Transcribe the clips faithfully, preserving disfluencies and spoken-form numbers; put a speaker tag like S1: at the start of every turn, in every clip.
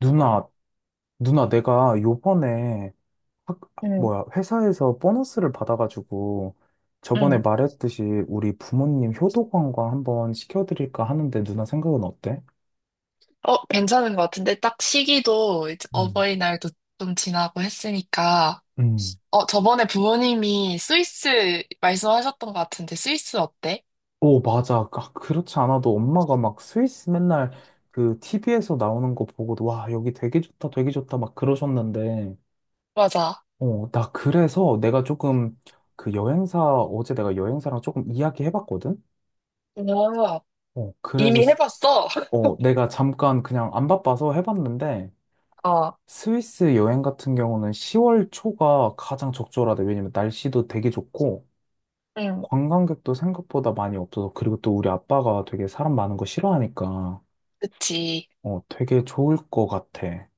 S1: 누나, 누나, 내가 요번에 학,
S2: 응,
S1: 뭐야, 회사에서 보너스를 받아가지고 저번에
S2: 응.
S1: 말했듯이 우리 부모님 효도관광 한번 시켜드릴까 하는데 누나 생각은 어때?
S2: 어, 괜찮은 것 같은데, 딱 시기도 이제
S1: 음.
S2: 어버이날도 좀 지나고 했으니까,
S1: 음.
S2: 어, 저번에 부모님이 스위스 말씀하셨던 것 같은데, 스위스 어때?
S1: 오, 맞아. 아, 그렇지 않아도 엄마가 막 스위스 맨날 그 티비 나오는 거 보고도 와, 여기 되게 좋다, 되게 좋다 막 그러셨는데,
S2: 맞아.
S1: 어, 나 그래서 내가 조금 그 여행사, 어제 내가 여행사랑 조금 이야기 해봤거든?
S2: 어,
S1: 어, 그래서
S2: 이미 해봤어.
S1: 어, 내가 잠깐 그냥 안 바빠서 해봤는데,
S2: 어,
S1: 스위스 여행 같은 경우는 시월 초가 가장 적절하대. 왜냐면 날씨도 되게 좋고,
S2: 응,
S1: 관광객도 생각보다 많이 없어서, 그리고 또 우리 아빠가 되게 사람 많은 거 싫어하니까,
S2: 그치.
S1: 어, 되게 좋을 것 같아.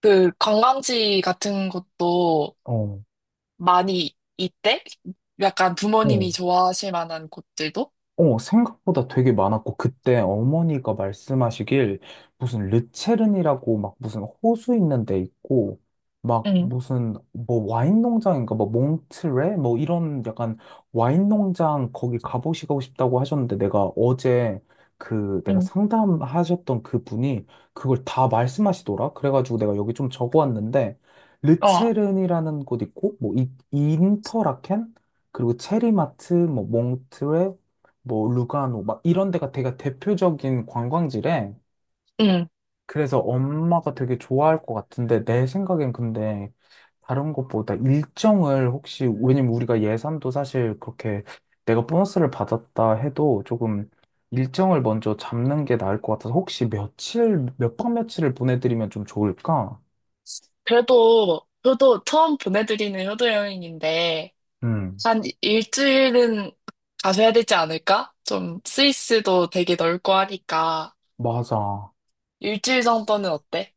S2: 그 관광지 같은 곳도
S1: 어,
S2: 많이 있대? 약간
S1: 어.
S2: 부모님이 좋아하실 만한 곳들도?
S1: 어, 생각보다 되게 많았고, 그때 어머니가 말씀하시길, 무슨 르체른이라고 막 무슨 호수 있는 데 있고, 막
S2: 응,
S1: 무슨 뭐 와인 농장인가, 뭐 몽트레? 뭐 이런 약간 와인 농장 거기 가보시고 싶다고 하셨는데, 내가 어제 그 내가
S2: 응.
S1: 상담하셨던 그분이 그걸 다 말씀하시더라? 그래가지고 내가 여기 좀 적어왔는데,
S2: 어,
S1: 르체른이라는 곳 있고, 뭐 이, 인터라켄? 그리고 체리마트, 뭐 몽트레, 뭐 루가노 막 이런 데가 되게 대표적인 관광지래.
S2: 응.
S1: 그래서 엄마가 되게 좋아할 것 같은데 내 생각엔 근데 다른 것보다 일정을 혹시 왜냐면 우리가 예산도 사실 그렇게 내가 보너스를 받았다 해도 조금 일정을 먼저 잡는 게 나을 것 같아서 혹시 며칠 몇 박 며칠을 보내드리면 좀 좋을까?
S2: 그래도, 저도 처음 보내드리는 효도 여행인데,
S1: 음,
S2: 한 일주일은 가셔야 되지 않을까? 좀 스위스도 되게 넓고 하니까
S1: 맞아.
S2: 일주일 정도는 어때?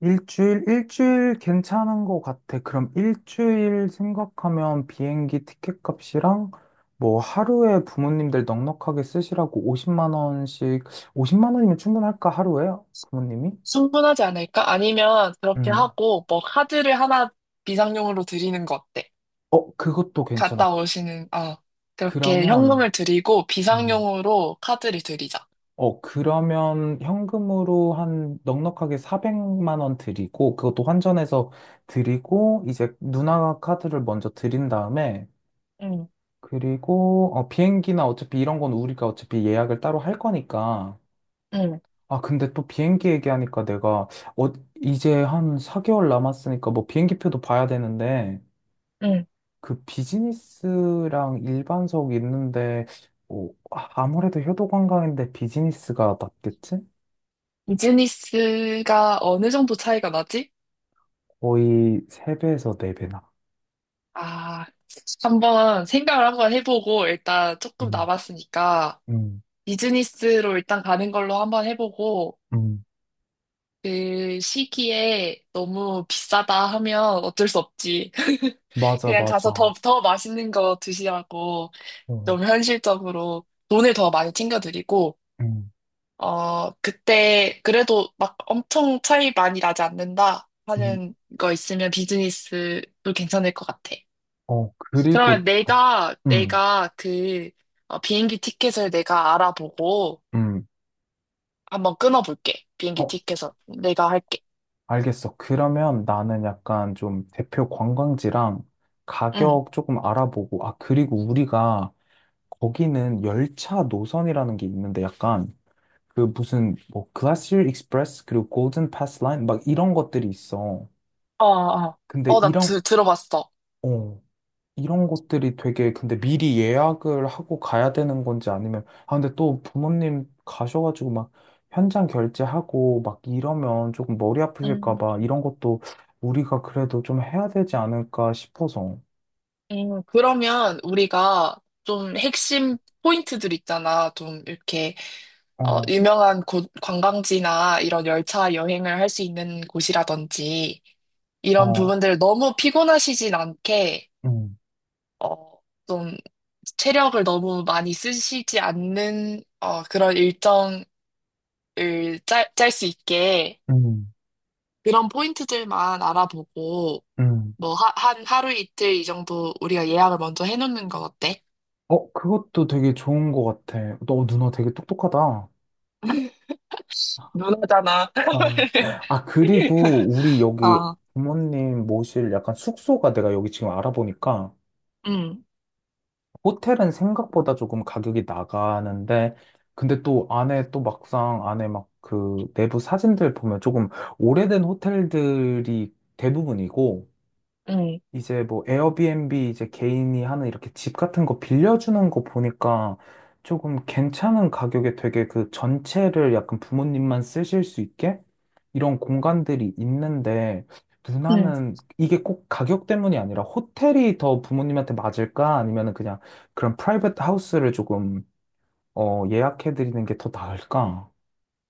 S1: 일주일, 일주일 괜찮은 것 같아. 그럼 일주일 생각하면 비행기 티켓 값이랑 뭐 하루에 부모님들 넉넉하게 쓰시라고 오십만 원씩, 오십만 원이면 충분할까, 하루에? 부모님이?
S2: 충분하지 않을까? 아니면 그렇게
S1: 음.
S2: 하고 뭐 카드를 하나 비상용으로 드리는 거 어때?
S1: 어, 그것도 괜찮아.
S2: 갔다 오시는 어 그렇게
S1: 그러면,
S2: 현금을 드리고
S1: 음.
S2: 비상용으로 카드를 드리자.
S1: 어, 그러면 현금으로 한 넉넉하게 사백만 원 드리고, 그것도 환전해서 드리고, 이제 누나 카드를 먼저 드린 다음에,
S2: 응,
S1: 그리고 어, 비행기나 어차피 이런 건 우리가 어차피 예약을 따로 할 거니까.
S2: 응,
S1: 아, 근데 또 비행기 얘기하니까 내가 어, 이제 한 사 개월 남았으니까 뭐 비행기표도 봐야 되는데
S2: 응.
S1: 그 비즈니스랑 일반석 있는데 어, 아, 아무래도 효도관광인데 비즈니스가 낫겠지?
S2: 비즈니스가 어느 정도 차이가 나지?
S1: 거의 세 배에서 네 배나.
S2: 아, 한번 생각을 한번 해보고 일단 조금
S1: 음,
S2: 남았으니까.
S1: 음,
S2: 비즈니스로 일단 가는 걸로 한번 해보고,
S1: 음.
S2: 그 시기에 너무 비싸다 하면 어쩔 수 없지.
S1: 맞아,
S2: 그냥 가서 더,
S1: 맞아.
S2: 더 맛있는 거 드시라고
S1: 어,
S2: 좀 현실적으로 돈을 더 많이 챙겨드리고,
S1: 음,
S2: 어, 그때 그래도 막 엄청 차이 많이 나지 않는다
S1: 음.
S2: 하는 거 있으면 비즈니스도 괜찮을 것 같아.
S1: 어,
S2: 그러면
S1: 그리고, 어,
S2: 내가,
S1: 음,
S2: 내가 그 어, 비행기 티켓을 내가 알아보고,
S1: 음.
S2: 한번 끊어볼게. 비행기
S1: 어,
S2: 티켓은 내가 할게.
S1: 알겠어. 그러면 나는 약간 좀 대표 관광지랑
S2: 응.
S1: 가격 조금 알아보고, 아, 그리고 우리가 거기는 열차 노선이라는 게 있는데 약간 그 무슨 뭐 글라시어 익스프레스 그리고 골든 패스 라인 막 이런 것들이 있어.
S2: 어, 어.
S1: 근데
S2: 어, 나
S1: 이런,
S2: 드, 들어봤어.
S1: 어, 이런 것들이 되게 근데 미리 예약을 하고 가야 되는 건지 아니면 아 근데 또 부모님 가셔가지고 막 현장 결제하고 막 이러면 조금 머리 아프실까
S2: 음,
S1: 봐 이런 것도 우리가 그래도 좀 해야 되지 않을까 싶어서
S2: 음, 그러면 우리가 좀 핵심 포인트들 있잖아. 좀 이렇게 어,
S1: 어,
S2: 유명한 곳, 관광지나 이런 열차 여행을 할 수 있는 곳이라든지 이런
S1: 어,
S2: 부분들 너무 피곤하시진 않게
S1: 음,
S2: 어, 좀 체력을 너무 많이 쓰시지 않는 어, 그런 일정을 짤, 짤 수 있게
S1: 음,
S2: 그런 포인트들만 알아보고
S1: 음.
S2: 뭐 하, 한 하루 이틀 이 정도 우리가 예약을 먼저 해놓는 건 어때?
S1: 어, 그것도 되게 좋은 것 같아. 너 누나 되게 똑똑하다.
S2: 누나잖
S1: 아, 아, 그리고 우리
S2: 아
S1: 여기
S2: 아,
S1: 부모님 모실 약간 숙소가 내가 여기 지금 알아보니까
S2: 응,
S1: 호텔은 생각보다 조금 가격이 나가는데, 근데 또 안에 또 막상 안에 막 그 내부 사진들 보면 조금 오래된 호텔들이 대부분이고,
S2: 응,
S1: 이제 뭐 에어비앤비 이제 개인이 하는 이렇게 집 같은 거 빌려주는 거 보니까 조금 괜찮은 가격에 되게 그 전체를 약간 부모님만 쓰실 수 있게 이런 공간들이 있는데
S2: 응.
S1: 누나는 이게 꼭 가격 때문이 아니라 호텔이 더 부모님한테 맞을까? 아니면은 그냥 그런 프라이빗 하우스를 조금 어, 예약해드리는 게 더 나을까?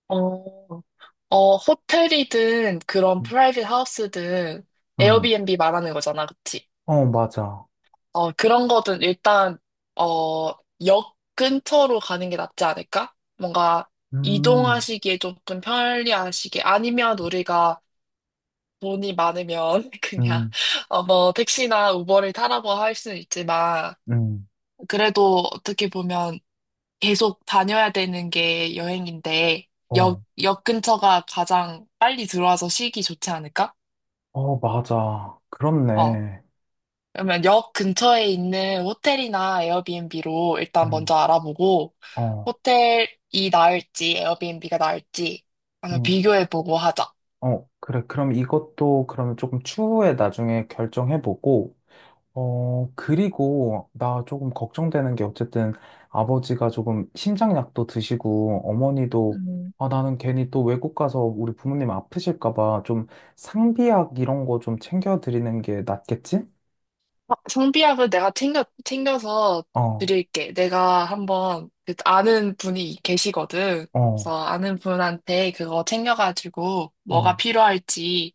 S2: 어, 어, 호텔이든 그런 프라이빗 하우스든
S1: 응.
S2: 에어비앤비 말하는 거잖아, 그치?
S1: 어, 맞아.
S2: 어, 그런 거든 일단, 어, 역 근처로 가는 게 낫지 않을까? 뭔가
S1: 음,
S2: 이동하시기에 조금 편리하시게. 아니면 우리가 돈이 많으면 그냥
S1: 음,
S2: 어, 뭐 택시나 우버를 타라고 할 수는 있지만
S1: 음.
S2: 그래도 어떻게 보면 계속 다녀야 되는 게 여행인데
S1: 어,
S2: 역, 역 근처가 가장 빨리 들어와서 쉬기 좋지 않을까?
S1: 어, 맞아.
S2: 어.
S1: 그렇네.
S2: 그러면 역 근처에 있는 호텔이나 에어비앤비로 일단
S1: 음,
S2: 먼저 알아보고
S1: 어,
S2: 호텔이 나을지 에어비앤비가 나을지 한번
S1: 음,
S2: 비교해보고 하자.
S1: 어, 그래. 그럼 이것도 그러면 조금 추후에 나중에 결정해보고, 어, 그리고 나 조금 걱정되는 게 어쨌든 아버지가 조금 심장약도 드시고, 어머니도 아, 나는 괜히 또 외국 가서 우리 부모님 아프실까 봐 좀 상비약 이런 거 좀 챙겨드리는 게 낫겠지?
S2: 아, 성비약은 내가 챙겨, 챙겨서
S1: 어,
S2: 드릴게. 내가 한번 그 아는 분이 계시거든.
S1: 어,
S2: 그래서 아는 분한테 그거 챙겨가지고
S1: 어,
S2: 뭐가 필요할지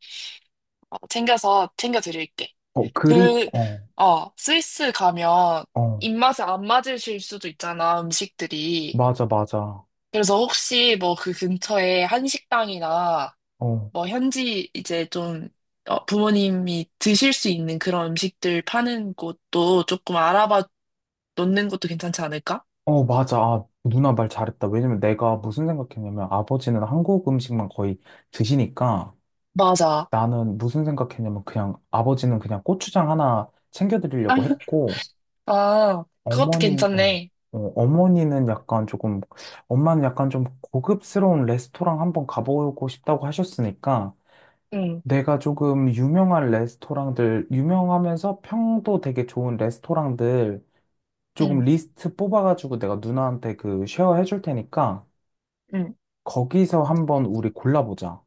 S2: 어, 챙겨서 챙겨 드릴게.
S1: 어, 그리고,
S2: 그,
S1: 어,
S2: 어, 스위스 가면
S1: 어,
S2: 입맛에 안 맞으실 수도 있잖아, 음식들이.
S1: 맞아, 맞아.
S2: 그래서 혹시 뭐 그 근처에 한식당이나
S1: 어.
S2: 뭐 현지 이제 좀 어, 부모님이 드실 수 있는 그런 음식들 파는 곳도 조금 알아봐 놓는 것도 괜찮지 않을까?
S1: 어, 맞아. 아, 누나 말 잘했다. 왜냐면 내가 무슨 생각했냐면 아버지는 한국 음식만 거의 드시니까
S2: 맞아.
S1: 나는 무슨 생각했냐면 그냥 아버지는 그냥 고추장 하나 챙겨드리려고 했고
S2: 아, 그것도
S1: 어머님, 어,
S2: 괜찮네.
S1: 어, 어머니는 약간 조금, 엄마는 약간 좀 고급스러운 레스토랑 한번 가보고 싶다고 하셨으니까
S2: 응,
S1: 내가 조금 유명한 레스토랑들, 유명하면서 평도 되게 좋은 레스토랑들 조금
S2: 응,
S1: 리스트 뽑아가지고 내가 누나한테 그 쉐어 해줄 테니까
S2: 응.
S1: 거기서 한번 우리 골라보자.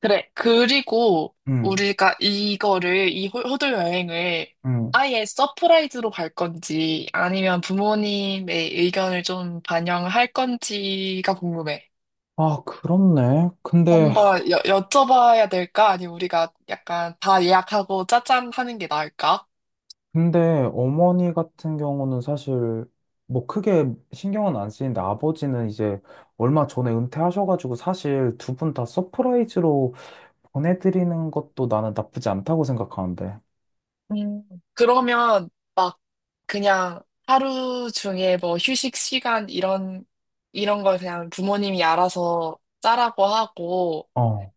S2: 그래. 그리고
S1: 응,
S2: 우리가 이거를, 이 호- 호돌 여행을
S1: 응.
S2: 아예 서프라이즈로 갈 건지 아니면 부모님의 의견을 좀 반영할 건지가 궁금해.
S1: 아, 그렇네. 근데,
S2: 한번 여, 여쭤봐야 될까? 아니면 우리가 약간 다 예약하고 짜잔 하는 게 나을까?
S1: 근데 어머니 같은 경우는 사실 뭐 크게 신경은 안 쓰이는데 아버지는 이제 얼마 전에 은퇴하셔가지고 사실 두 분 다 서프라이즈로 보내드리는 것도 나는 나쁘지 않다고 생각하는데.
S2: 음, 그러면 막 그냥 하루 중에 뭐 휴식 시간 이런, 이런 걸 그냥 부모님이 알아서 짜라고 하고
S1: 어,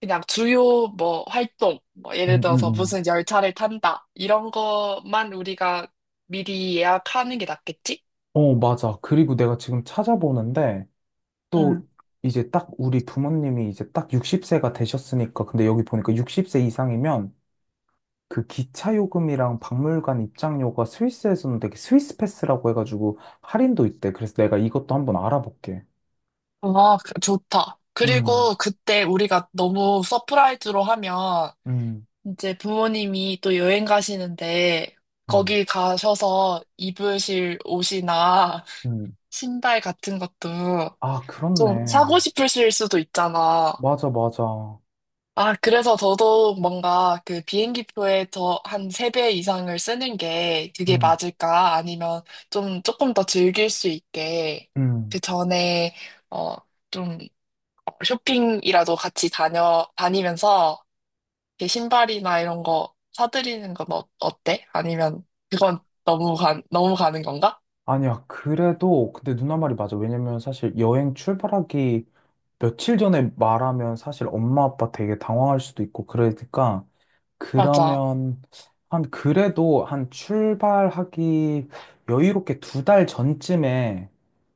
S2: 그냥 주요 뭐 활동, 뭐
S1: 응,
S2: 예를
S1: 응,
S2: 들어서
S1: 응.
S2: 무슨 열차를 탄다 이런 것만 우리가 미리 예약하는 게 낫겠지?
S1: 어, 맞아. 그리고 내가 지금 찾아보는데
S2: 음.
S1: 또 이제 딱 우리 부모님이 이제 딱 육십 세가 되셨으니까 근데 여기 보니까 육십 세 이상이면 그 기차 요금이랑 박물관 입장료가 스위스에서는 되게 스위스 패스라고 해가지고 할인도 있대. 그래서 내가 이것도 한번 알아볼게.
S2: 아, 그- 좋다.
S1: 음,
S2: 그리고 그때 우리가 너무 서프라이즈로 하면
S1: 음,
S2: 이제 부모님이 또 여행 가시는데
S1: 음,
S2: 거기 가셔서 입으실 옷이나
S1: 음.
S2: 신발 같은 것도
S1: 아,
S2: 좀 사고
S1: 그렇네.
S2: 싶으실 수도 있잖아.
S1: 맞아, 맞아.
S2: 아, 그래서 더더욱 뭔가 그 비행기표에 더 한 세 배 이상을 쓰는 게 그게
S1: 음,
S2: 맞을까? 아니면 좀 조금 더 즐길 수 있게
S1: 음.
S2: 그 전에 어, 좀 어, 쇼핑이라도 같이 다녀, 다니면서 이렇게 신발이나 이런 거 사드리는 건 어, 어때? 아니면 그건 너무 가, 너무 가는 건가?
S1: 아니야, 그래도, 근데 누나 말이 맞아. 왜냐면 사실 여행 출발하기 며칠 전에 말하면 사실 엄마 아빠 되게 당황할 수도 있고 그러니까
S2: 맞아.
S1: 그러면 한 그래도 한 출발하기 여유롭게 두 달 전쯤에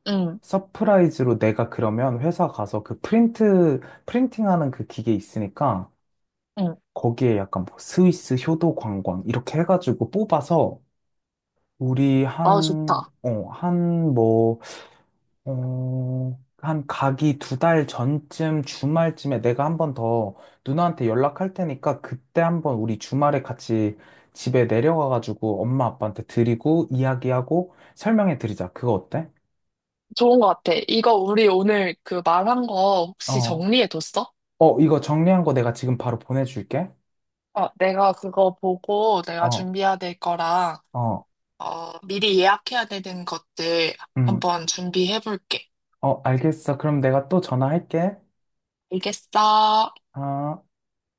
S2: 응,
S1: 서프라이즈로 내가 그러면 회사 가서 그 프린트 프린팅하는 그 기계 있으니까
S2: 응.
S1: 거기에 약간 뭐 스위스 효도 관광 이렇게 해가지고 뽑아서 우리
S2: 아,
S1: 한
S2: 좋다.
S1: 어한뭐 어, 한 가기 두 달 전쯤 주말쯤에 내가 한 번 더 누나한테 연락할 테니까 그때 한번 우리 주말에 같이 집에 내려가가지고 엄마 아빠한테 드리고 이야기하고 설명해 드리자. 그거 어때?
S2: 좋은 것 같아. 이거 우리 오늘 그 말한 거 혹시
S1: 어,
S2: 정리해뒀어?
S1: 어, 이거 정리한 거 내가 지금 바로 보내줄게.
S2: 어, 내가 그거 보고 내가
S1: 어,
S2: 준비해야 될 거랑,
S1: 어,
S2: 어, 미리 예약해야 되는 것들
S1: 음,
S2: 한번 준비해볼게.
S1: 어, 알겠어. 그럼 내가 또 전화할게.
S2: 알겠어.
S1: 아.